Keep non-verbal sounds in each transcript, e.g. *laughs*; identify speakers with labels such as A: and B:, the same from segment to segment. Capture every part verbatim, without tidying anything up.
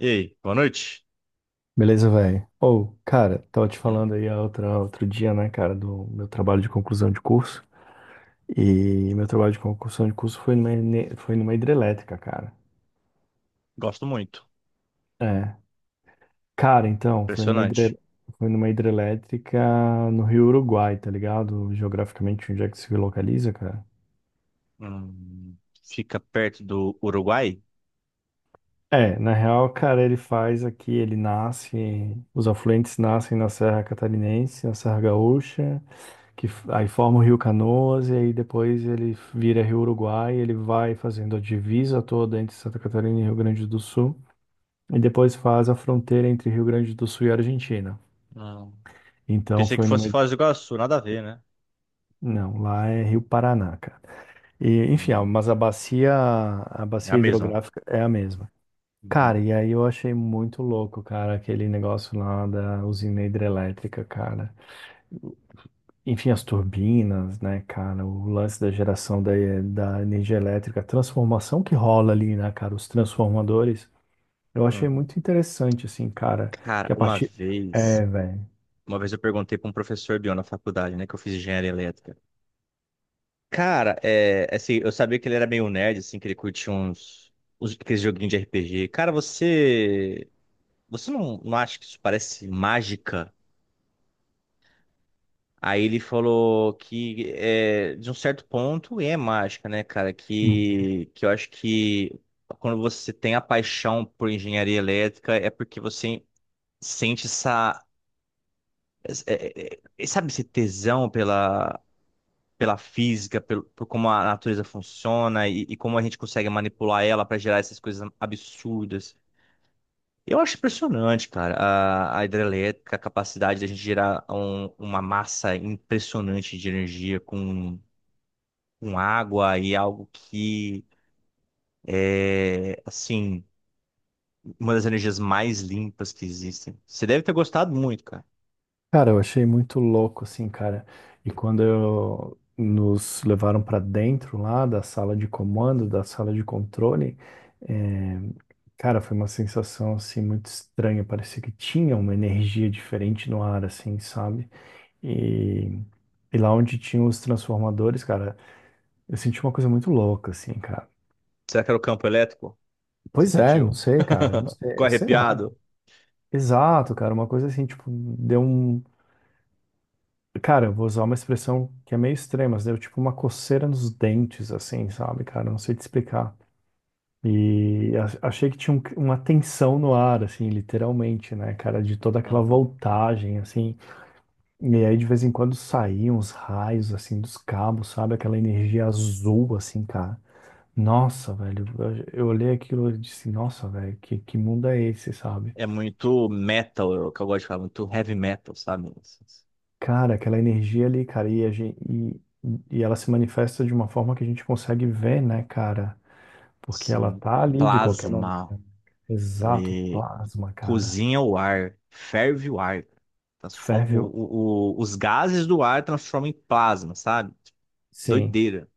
A: E aí, boa noite.
B: Beleza, velho? Ou, cara, tava te
A: Hum,
B: falando aí a outra, outro dia, né, cara, do meu trabalho de conclusão de curso. E meu trabalho de conclusão de curso foi numa, ene- foi numa hidrelétrica, cara.
A: Gosto muito.
B: É. Cara, então, foi numa, hidre,
A: Impressionante.
B: foi numa hidrelétrica no Rio Uruguai, tá ligado? Geograficamente, onde é que se localiza, cara?
A: Hum, fica perto do Uruguai?
B: É, na real, cara, ele faz aqui, ele nasce, os afluentes nascem na Serra Catarinense, na Serra Gaúcha. Que f- aí forma o Rio Canoas e aí depois ele vira Rio Uruguai, ele vai fazendo a divisa toda entre Santa Catarina e Rio Grande do Sul e depois faz a fronteira entre Rio Grande do Sul e Argentina.
A: Não.
B: Então
A: Pensei que
B: foi
A: fosse
B: numa
A: Foz do Iguaçu, nada a ver, né?
B: Não, lá é Rio Paraná, cara. E, enfim, ah,
A: Hum,
B: mas a bacia, a
A: é a
B: bacia
A: mesma.
B: hidrográfica é a mesma.
A: Uhum.
B: Cara, e aí eu achei muito louco, cara, aquele negócio lá da usina hidrelétrica, cara. Enfim, as turbinas, né, cara? O lance da geração da, da energia elétrica, a transformação que rola ali, né, cara? Os transformadores. Eu achei
A: Uhum.
B: muito interessante, assim, cara.
A: Cara,
B: Que a
A: uma
B: partir.
A: vez,
B: É, velho.
A: uma vez eu perguntei para um professor meu na faculdade, né, que eu fiz engenharia elétrica. Cara, é, assim, eu sabia que ele era meio nerd, assim, que ele curtia uns, uns aqueles joguinhos de R P G. Cara, você, você não, não acha que isso parece mágica? Aí ele falou que, é, de um certo ponto, é mágica, né, cara? Que, que eu acho que quando você tem a paixão por engenharia elétrica é porque você sente essa, é, é, é, sabe, esse tesão pela, pela física, pelo, por como a natureza funciona e, e como a gente consegue manipular ela para gerar essas coisas absurdas. Eu acho impressionante, cara, a, a hidrelétrica, a capacidade da gente gerar um- uma massa impressionante de energia com com água e algo que é, assim, uma das energias mais limpas que existem. Você deve ter gostado muito, cara.
B: Cara, eu achei muito louco, assim, cara. E quando eu- nos levaram pra dentro lá da sala de comando, da sala de controle, é, cara, foi uma sensação, assim, muito estranha. Parecia que tinha uma energia diferente no ar, assim, sabe? E, e lá onde tinha os transformadores, cara, eu senti uma coisa muito louca, assim, cara.
A: Será que era o campo elétrico? Você
B: Pois é, não
A: sentiu?
B: sei, cara, não
A: *laughs*
B: sei,
A: Ficou
B: é, sei lá.
A: arrepiado?
B: Exato, cara, uma coisa assim, tipo, deu um. Cara, eu vou usar uma expressão que é meio extrema, mas deu tipo uma coceira nos dentes, assim, sabe, cara? Não sei te explicar. E a- achei que tinha um- uma tensão no ar, assim, literalmente, né, cara, de toda aquela
A: Uhum.
B: voltagem, assim. E aí de vez em quando saíam os raios, assim, dos cabos, sabe? Aquela energia azul, assim, cara. Nossa, velho, eu, eu olhei aquilo e disse, nossa, velho, que, que mundo é esse, sabe?
A: É muito metal, é o que eu gosto de falar, muito heavy metal, sabe?
B: Cara, aquela energia ali, cara, e, a gente, e, e ela se manifesta de uma forma que a gente consegue ver, né, cara? Porque ela
A: Assim,
B: tá ali de qualquer
A: plasma,
B: maneira. Exato,
A: e
B: plasma, cara.
A: cozinha o ar, ferve o ar, transforma
B: Ferve,
A: o-
B: o-
A: o- o- os gases do ar transformam em plasma, sabe?
B: sim.
A: Doideira.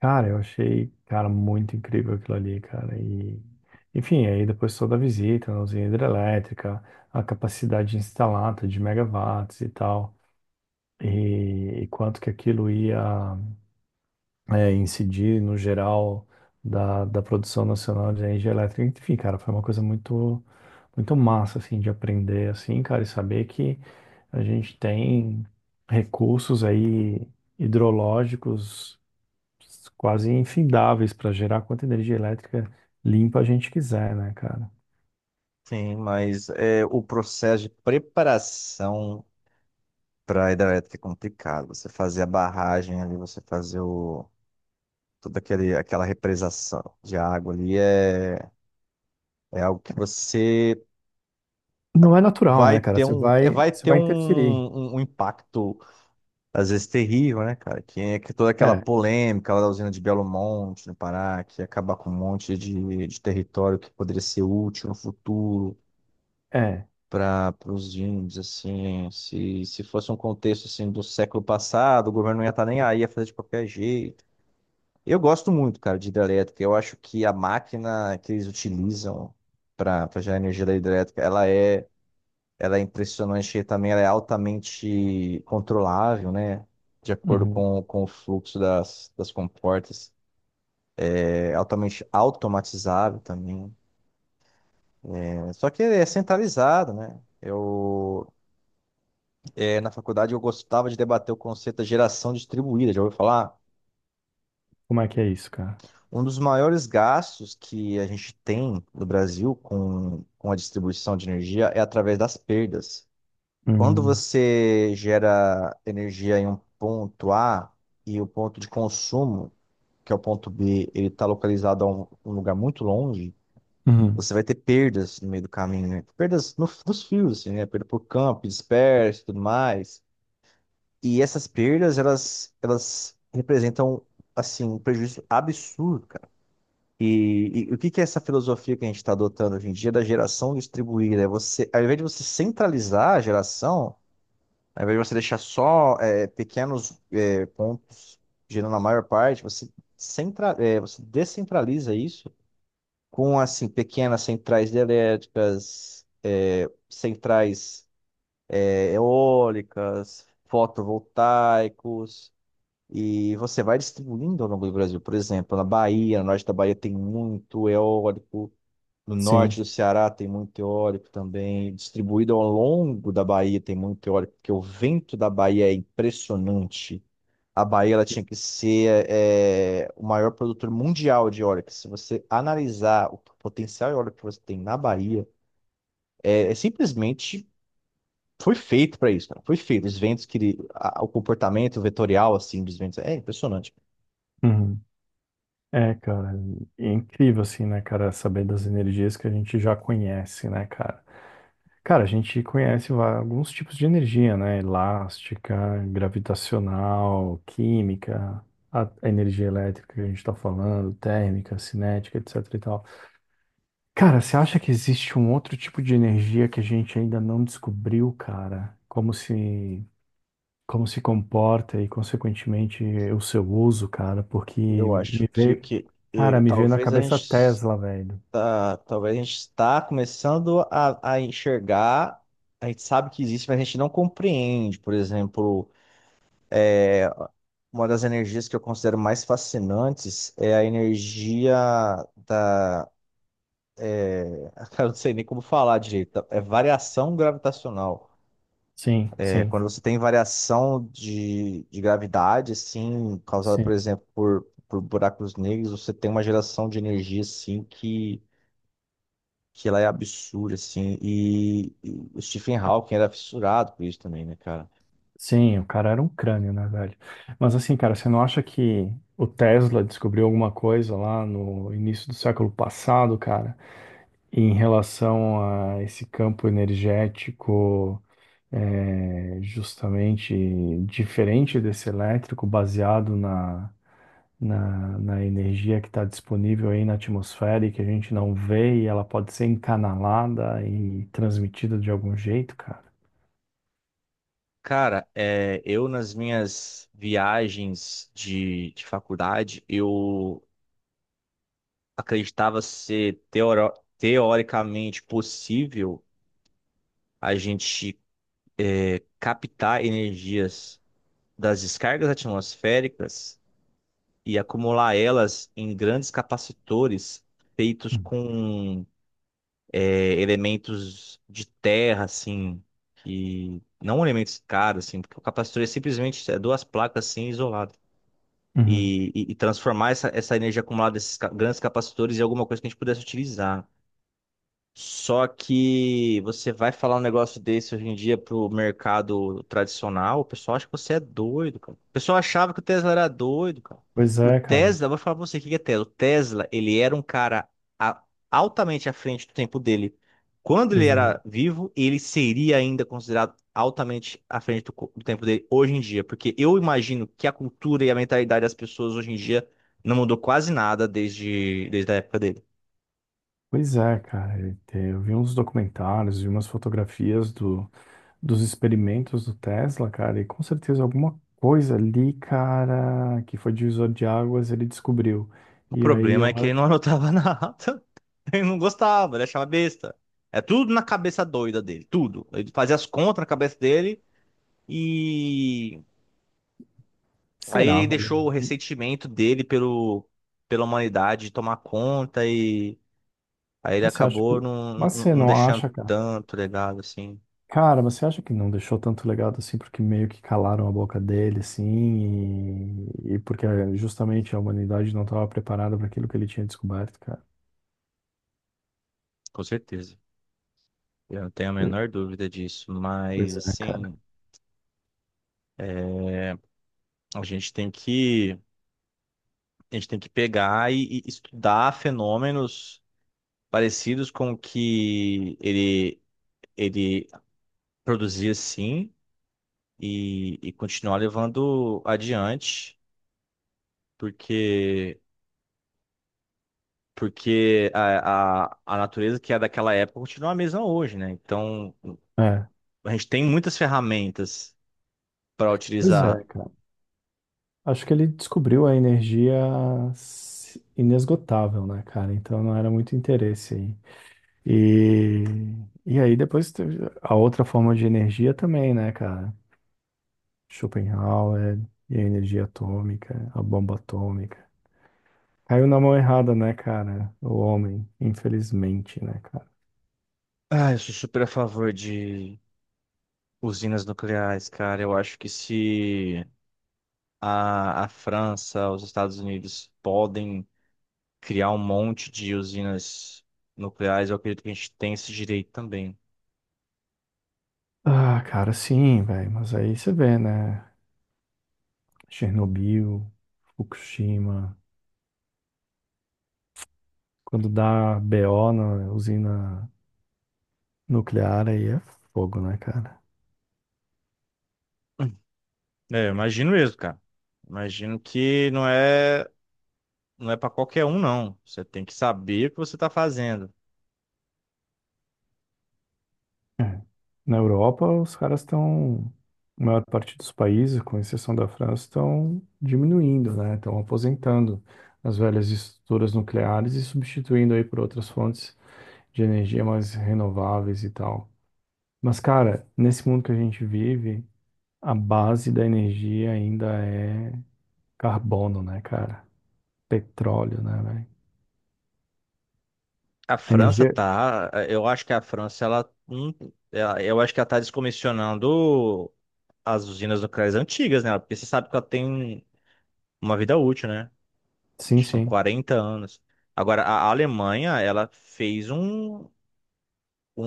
B: Cara, eu achei, cara, muito incrível aquilo ali, cara. E, enfim, aí depois toda a visita na usina hidrelétrica, a capacidade instalada de megawatts e tal. e, e quanto que aquilo ia é, incidir no geral da, da produção nacional de energia elétrica. Enfim, cara, foi uma coisa muito, muito massa, assim, de aprender, assim, cara, e saber que a gente tem recursos aí hidrológicos quase infindáveis para gerar quanta energia elétrica limpa a gente quiser, né, cara?
A: Sim, mas é, o processo de preparação para a hidrelétrica é complicado. Você fazer a barragem ali, você fazer o, toda aquele, aquela represação de água ali é, é algo que você
B: Não é natural,
A: vai
B: né, cara?
A: ter
B: Você
A: um, é,
B: vai,
A: vai
B: você
A: ter
B: vai
A: um,
B: interferir.
A: um, um impacto, às vezes, terrível, né, cara? Que, é que toda aquela
B: É,
A: polêmica lá da usina de Belo Monte, no Pará, que ia acabar com um monte de, de território que poderia ser útil no futuro.
B: é.
A: Para os índios, assim, se, se fosse um contexto assim do século passado, o governo não ia estar nem aí, ia fazer de qualquer jeito. Eu gosto muito, cara, de hidrelétrica. Eu acho que a máquina que eles utilizam para gerar energia da hidrelétrica, ela é, ela é impressionante e também ela é altamente controlável, né? De acordo
B: Uhum.
A: com, com o fluxo das, das comportas. É altamente automatizável também. É, só que é centralizado, né? Eu, é, na faculdade eu gostava de debater o conceito da geração distribuída, já ouviu falar?
B: Como é que é isso, cara?
A: Um dos maiores gastos que a gente tem no Brasil com, com a distribuição de energia é através das perdas. Quando
B: Uhum.
A: você gera energia em um ponto A e o ponto de consumo, que é o ponto B, ele está localizado a um, um lugar muito longe,
B: Uhum.
A: você vai ter perdas no meio do caminho, né? Perdas no- nos fios, assim, né? Perda por campo, disperso e tudo mais. E essas perdas, elas, elas representam, assim, um prejuízo absurdo, cara. E, e o que que é essa filosofia que a gente está adotando hoje em dia da geração distribuída? É você, ao invés de você centralizar a geração, ao invés de você deixar só é, pequenos é, pontos gerando a maior parte, você, centra, é, você descentraliza isso com, assim, pequenas centrais elétricas, é, centrais é, eólicas, fotovoltaicos, e você vai distribuindo ao longo do Brasil. Por exemplo, na Bahia, no norte da Bahia tem muito eólico. No norte
B: Sim.
A: do Ceará tem muito eólico também. Distribuído ao longo da Bahia tem muito eólico, porque o vento da Bahia é impressionante. A Bahia ela tinha que ser é, o maior produtor mundial de eólica. Se você analisar o potencial eólico que você tem na Bahia, é, é simplesmente foi feito para isso, cara. Foi feito. Os ventos que ele- a- o comportamento vetorial assim dos ventos é impressionante.
B: Uhum. É, cara, é incrível assim, né, cara, saber das energias que a gente já conhece, né, cara? Cara, a gente conhece va- alguns tipos de energia, né? Elástica, gravitacional, química, a a energia elétrica que a gente tá falando, térmica, cinética, etc e tal. Cara, você acha que existe um outro tipo de energia que a gente ainda não descobriu, cara? Como se como se comporta e, consequentemente, o seu uso, cara? Porque
A: Eu acho
B: me
A: que,
B: veio
A: que eh,
B: Cara, me veio na
A: talvez a
B: cabeça
A: gente
B: Tesla, velho.
A: está, talvez a gente está começando a, a enxergar, a gente sabe que existe, mas a gente não compreende. Por exemplo, uma das energias que eu considero mais fascinantes é a energia da, *laughs* eu não sei nem como falar direito, é variação gravitacional.
B: Sim,
A: É
B: sim,
A: quando você tem variação de, de gravidade, assim, causada,
B: sim.
A: por exemplo, por, por buracos negros, você tem uma geração de energia, assim, que que ela é absurda, assim. E, e o Stephen Hawking era fissurado por isso também, né, cara?
B: Sim, o cara era um crânio, né, velho? Mas assim, cara, você não acha que o Tesla descobriu alguma coisa lá no início do século passado, cara, em relação a esse campo energético, é, justamente diferente desse elétrico, baseado na, na, na energia que está disponível aí na atmosfera e que a gente não vê, e ela pode ser encanalada e transmitida de algum jeito, cara.
A: Cara, é, eu nas minhas viagens de, de faculdade, eu acreditava ser teoro- teoricamente possível a gente captar energias das descargas atmosféricas e acumular elas em grandes capacitores feitos
B: Hum.
A: com é, elementos de terra, assim, que não elementos caros, assim, porque o capacitor é simplesmente é, duas placas assim isoladas.
B: Uhum.
A: E, e- e transformar essa, essa energia acumulada desses ca- grandes capacitores em alguma coisa que a gente pudesse utilizar. Só que você vai falar um negócio desse hoje em dia pro mercado tradicional, o pessoal acha que você é doido, cara. O pessoal achava que o Tesla era doido, cara.
B: Pois
A: O
B: é, cara.
A: Tesla, vou falar pra você o que que é Tesla. O Tesla, ele era um cara a- altamente à frente do tempo dele. Quando ele
B: Exato.
A: era vivo, ele seria ainda considerado altamente à frente do, co- do tempo dele hoje em dia, porque eu imagino que a cultura e a mentalidade das pessoas hoje em dia não mudou quase nada desde, desde a época dele.
B: Pois é, cara. E te- eu vi uns documentários vi umas fotografias do, dos experimentos do Tesla, cara, e com certeza alguma coisa ali, cara, que foi divisor de águas, ele descobriu.
A: O
B: E aí,
A: problema
B: eu...
A: é que ele não anotava *laughs* nada. Ele não gostava, ele achava besta. É tudo na cabeça doida dele, tudo. Ele fazia as contas na cabeça dele e aí
B: Será,
A: ele deixou
B: velho?
A: o ressentimento dele pelo, pela humanidade tomar conta e aí ele
B: Você acha
A: acabou
B: que...
A: não,
B: Mas
A: não,
B: você
A: não
B: não
A: deixando
B: acha, cara?
A: tanto legado assim.
B: Cara, você acha que não deixou tanto legado assim porque meio que calaram a boca dele, assim, e, e porque eh, justamente a humanidade não estava preparada para aquilo que ele tinha descoberto, cara?
A: Com certeza. Eu não tenho a
B: Pois
A: menor dúvida disso, mas
B: pois é, cara.
A: assim, a gente tem que a gente tem que pegar e e estudar fenômenos parecidos com o que ele, ele produzia sim e, e continuar levando adiante, porque, porque a, a, a natureza que é daquela época continua a mesma hoje, né? Então
B: É,
A: a gente tem muitas ferramentas para
B: pois é,
A: utilizar.
B: cara. Acho que ele descobriu a energia s- inesgotável, né, cara? Então não era muito interesse aí. E, e aí depois teve a outra forma de energia também, né, cara? Schopenhauer e a energia atômica, a bomba atômica. Caiu na mão errada, né, cara? O homem, infelizmente, né, cara?
A: Ah, eu sou super a favor de usinas nucleares, cara. Eu acho que se a, a França, os Estados Unidos podem criar um monte de usinas nucleares, eu acredito que a gente tem esse direito também.
B: Ah, cara, sim, velho. Mas aí você vê, né? Chernobyl, Fukushima. Quando dá B O na usina nuclear, aí é fogo, né, cara?
A: É, eu imagino mesmo, cara. Imagino que não é, não é para qualquer um, não. Você tem que saber o que você está fazendo.
B: É. Na Europa, os caras estão. A maior parte dos países, com exceção da França, estão diminuindo, né? Estão aposentando as velhas estruturas nucleares e substituindo aí por outras fontes de energia mais renováveis e tal. Mas, cara, nesse mundo que a gente vive, a base da energia ainda é carbono, né, cara? Petróleo, né, velho?
A: A
B: A
A: França
B: energia.
A: tá, eu acho que a França ela, hum, ela- eu acho que ela tá descomissionando as usinas nucleares antigas, né? Porque você sabe que ela tem uma vida útil, né?
B: Sim,
A: Acho que são
B: sim.
A: quarenta anos. Agora, a Alemanha, ela fez um, um,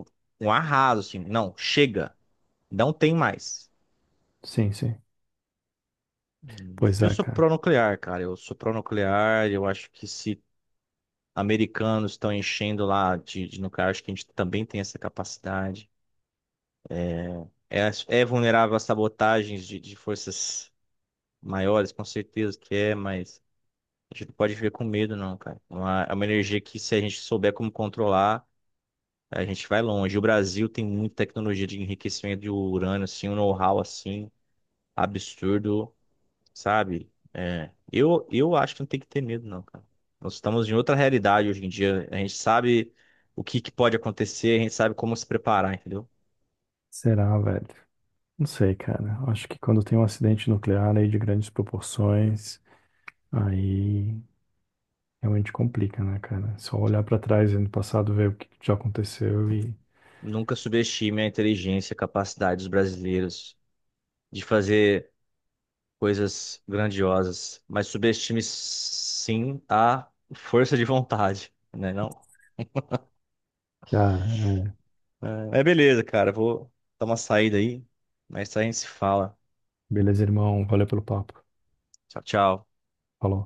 A: um, um arraso, assim. Não, chega. Não tem mais.
B: Sim, sim.
A: Eu,
B: Pois
A: eu
B: é,
A: sou
B: cara.
A: pró-nuclear, cara. Eu sou pró-nuclear. Eu acho que se americanos estão enchendo lá de, de nuclear, acho que a gente também tem essa capacidade. É, é vulnerável a sabotagens de, de forças maiores, com certeza que é, mas a gente não pode viver com medo, não, cara. É uma, é uma energia que, se a gente souber como controlar, a gente vai longe. O Brasil tem muita tecnologia de enriquecimento de urânio, assim, um know-how assim absurdo. Sabe? É, eu, eu acho que não tem que ter medo, não, cara. Nós estamos em outra realidade hoje em dia. A gente sabe o que, que pode acontecer, a gente sabe como se preparar, entendeu?
B: Será, velho? Não sei, cara. Acho que quando tem um acidente nuclear aí de grandes proporções, aí realmente complica, né, cara? É só olhar pra trás e no passado ver o que que já aconteceu e.
A: Nunca subestime a inteligência, a capacidade dos brasileiros de fazer coisas grandiosas, mas subestime sim a força de vontade, né? Não?
B: Cara, é.
A: É, mas beleza, cara. Vou dar uma saída aí, mas a gente se fala.
B: Beleza, irmão. Valeu pelo papo.
A: Tchau, tchau.
B: Falou.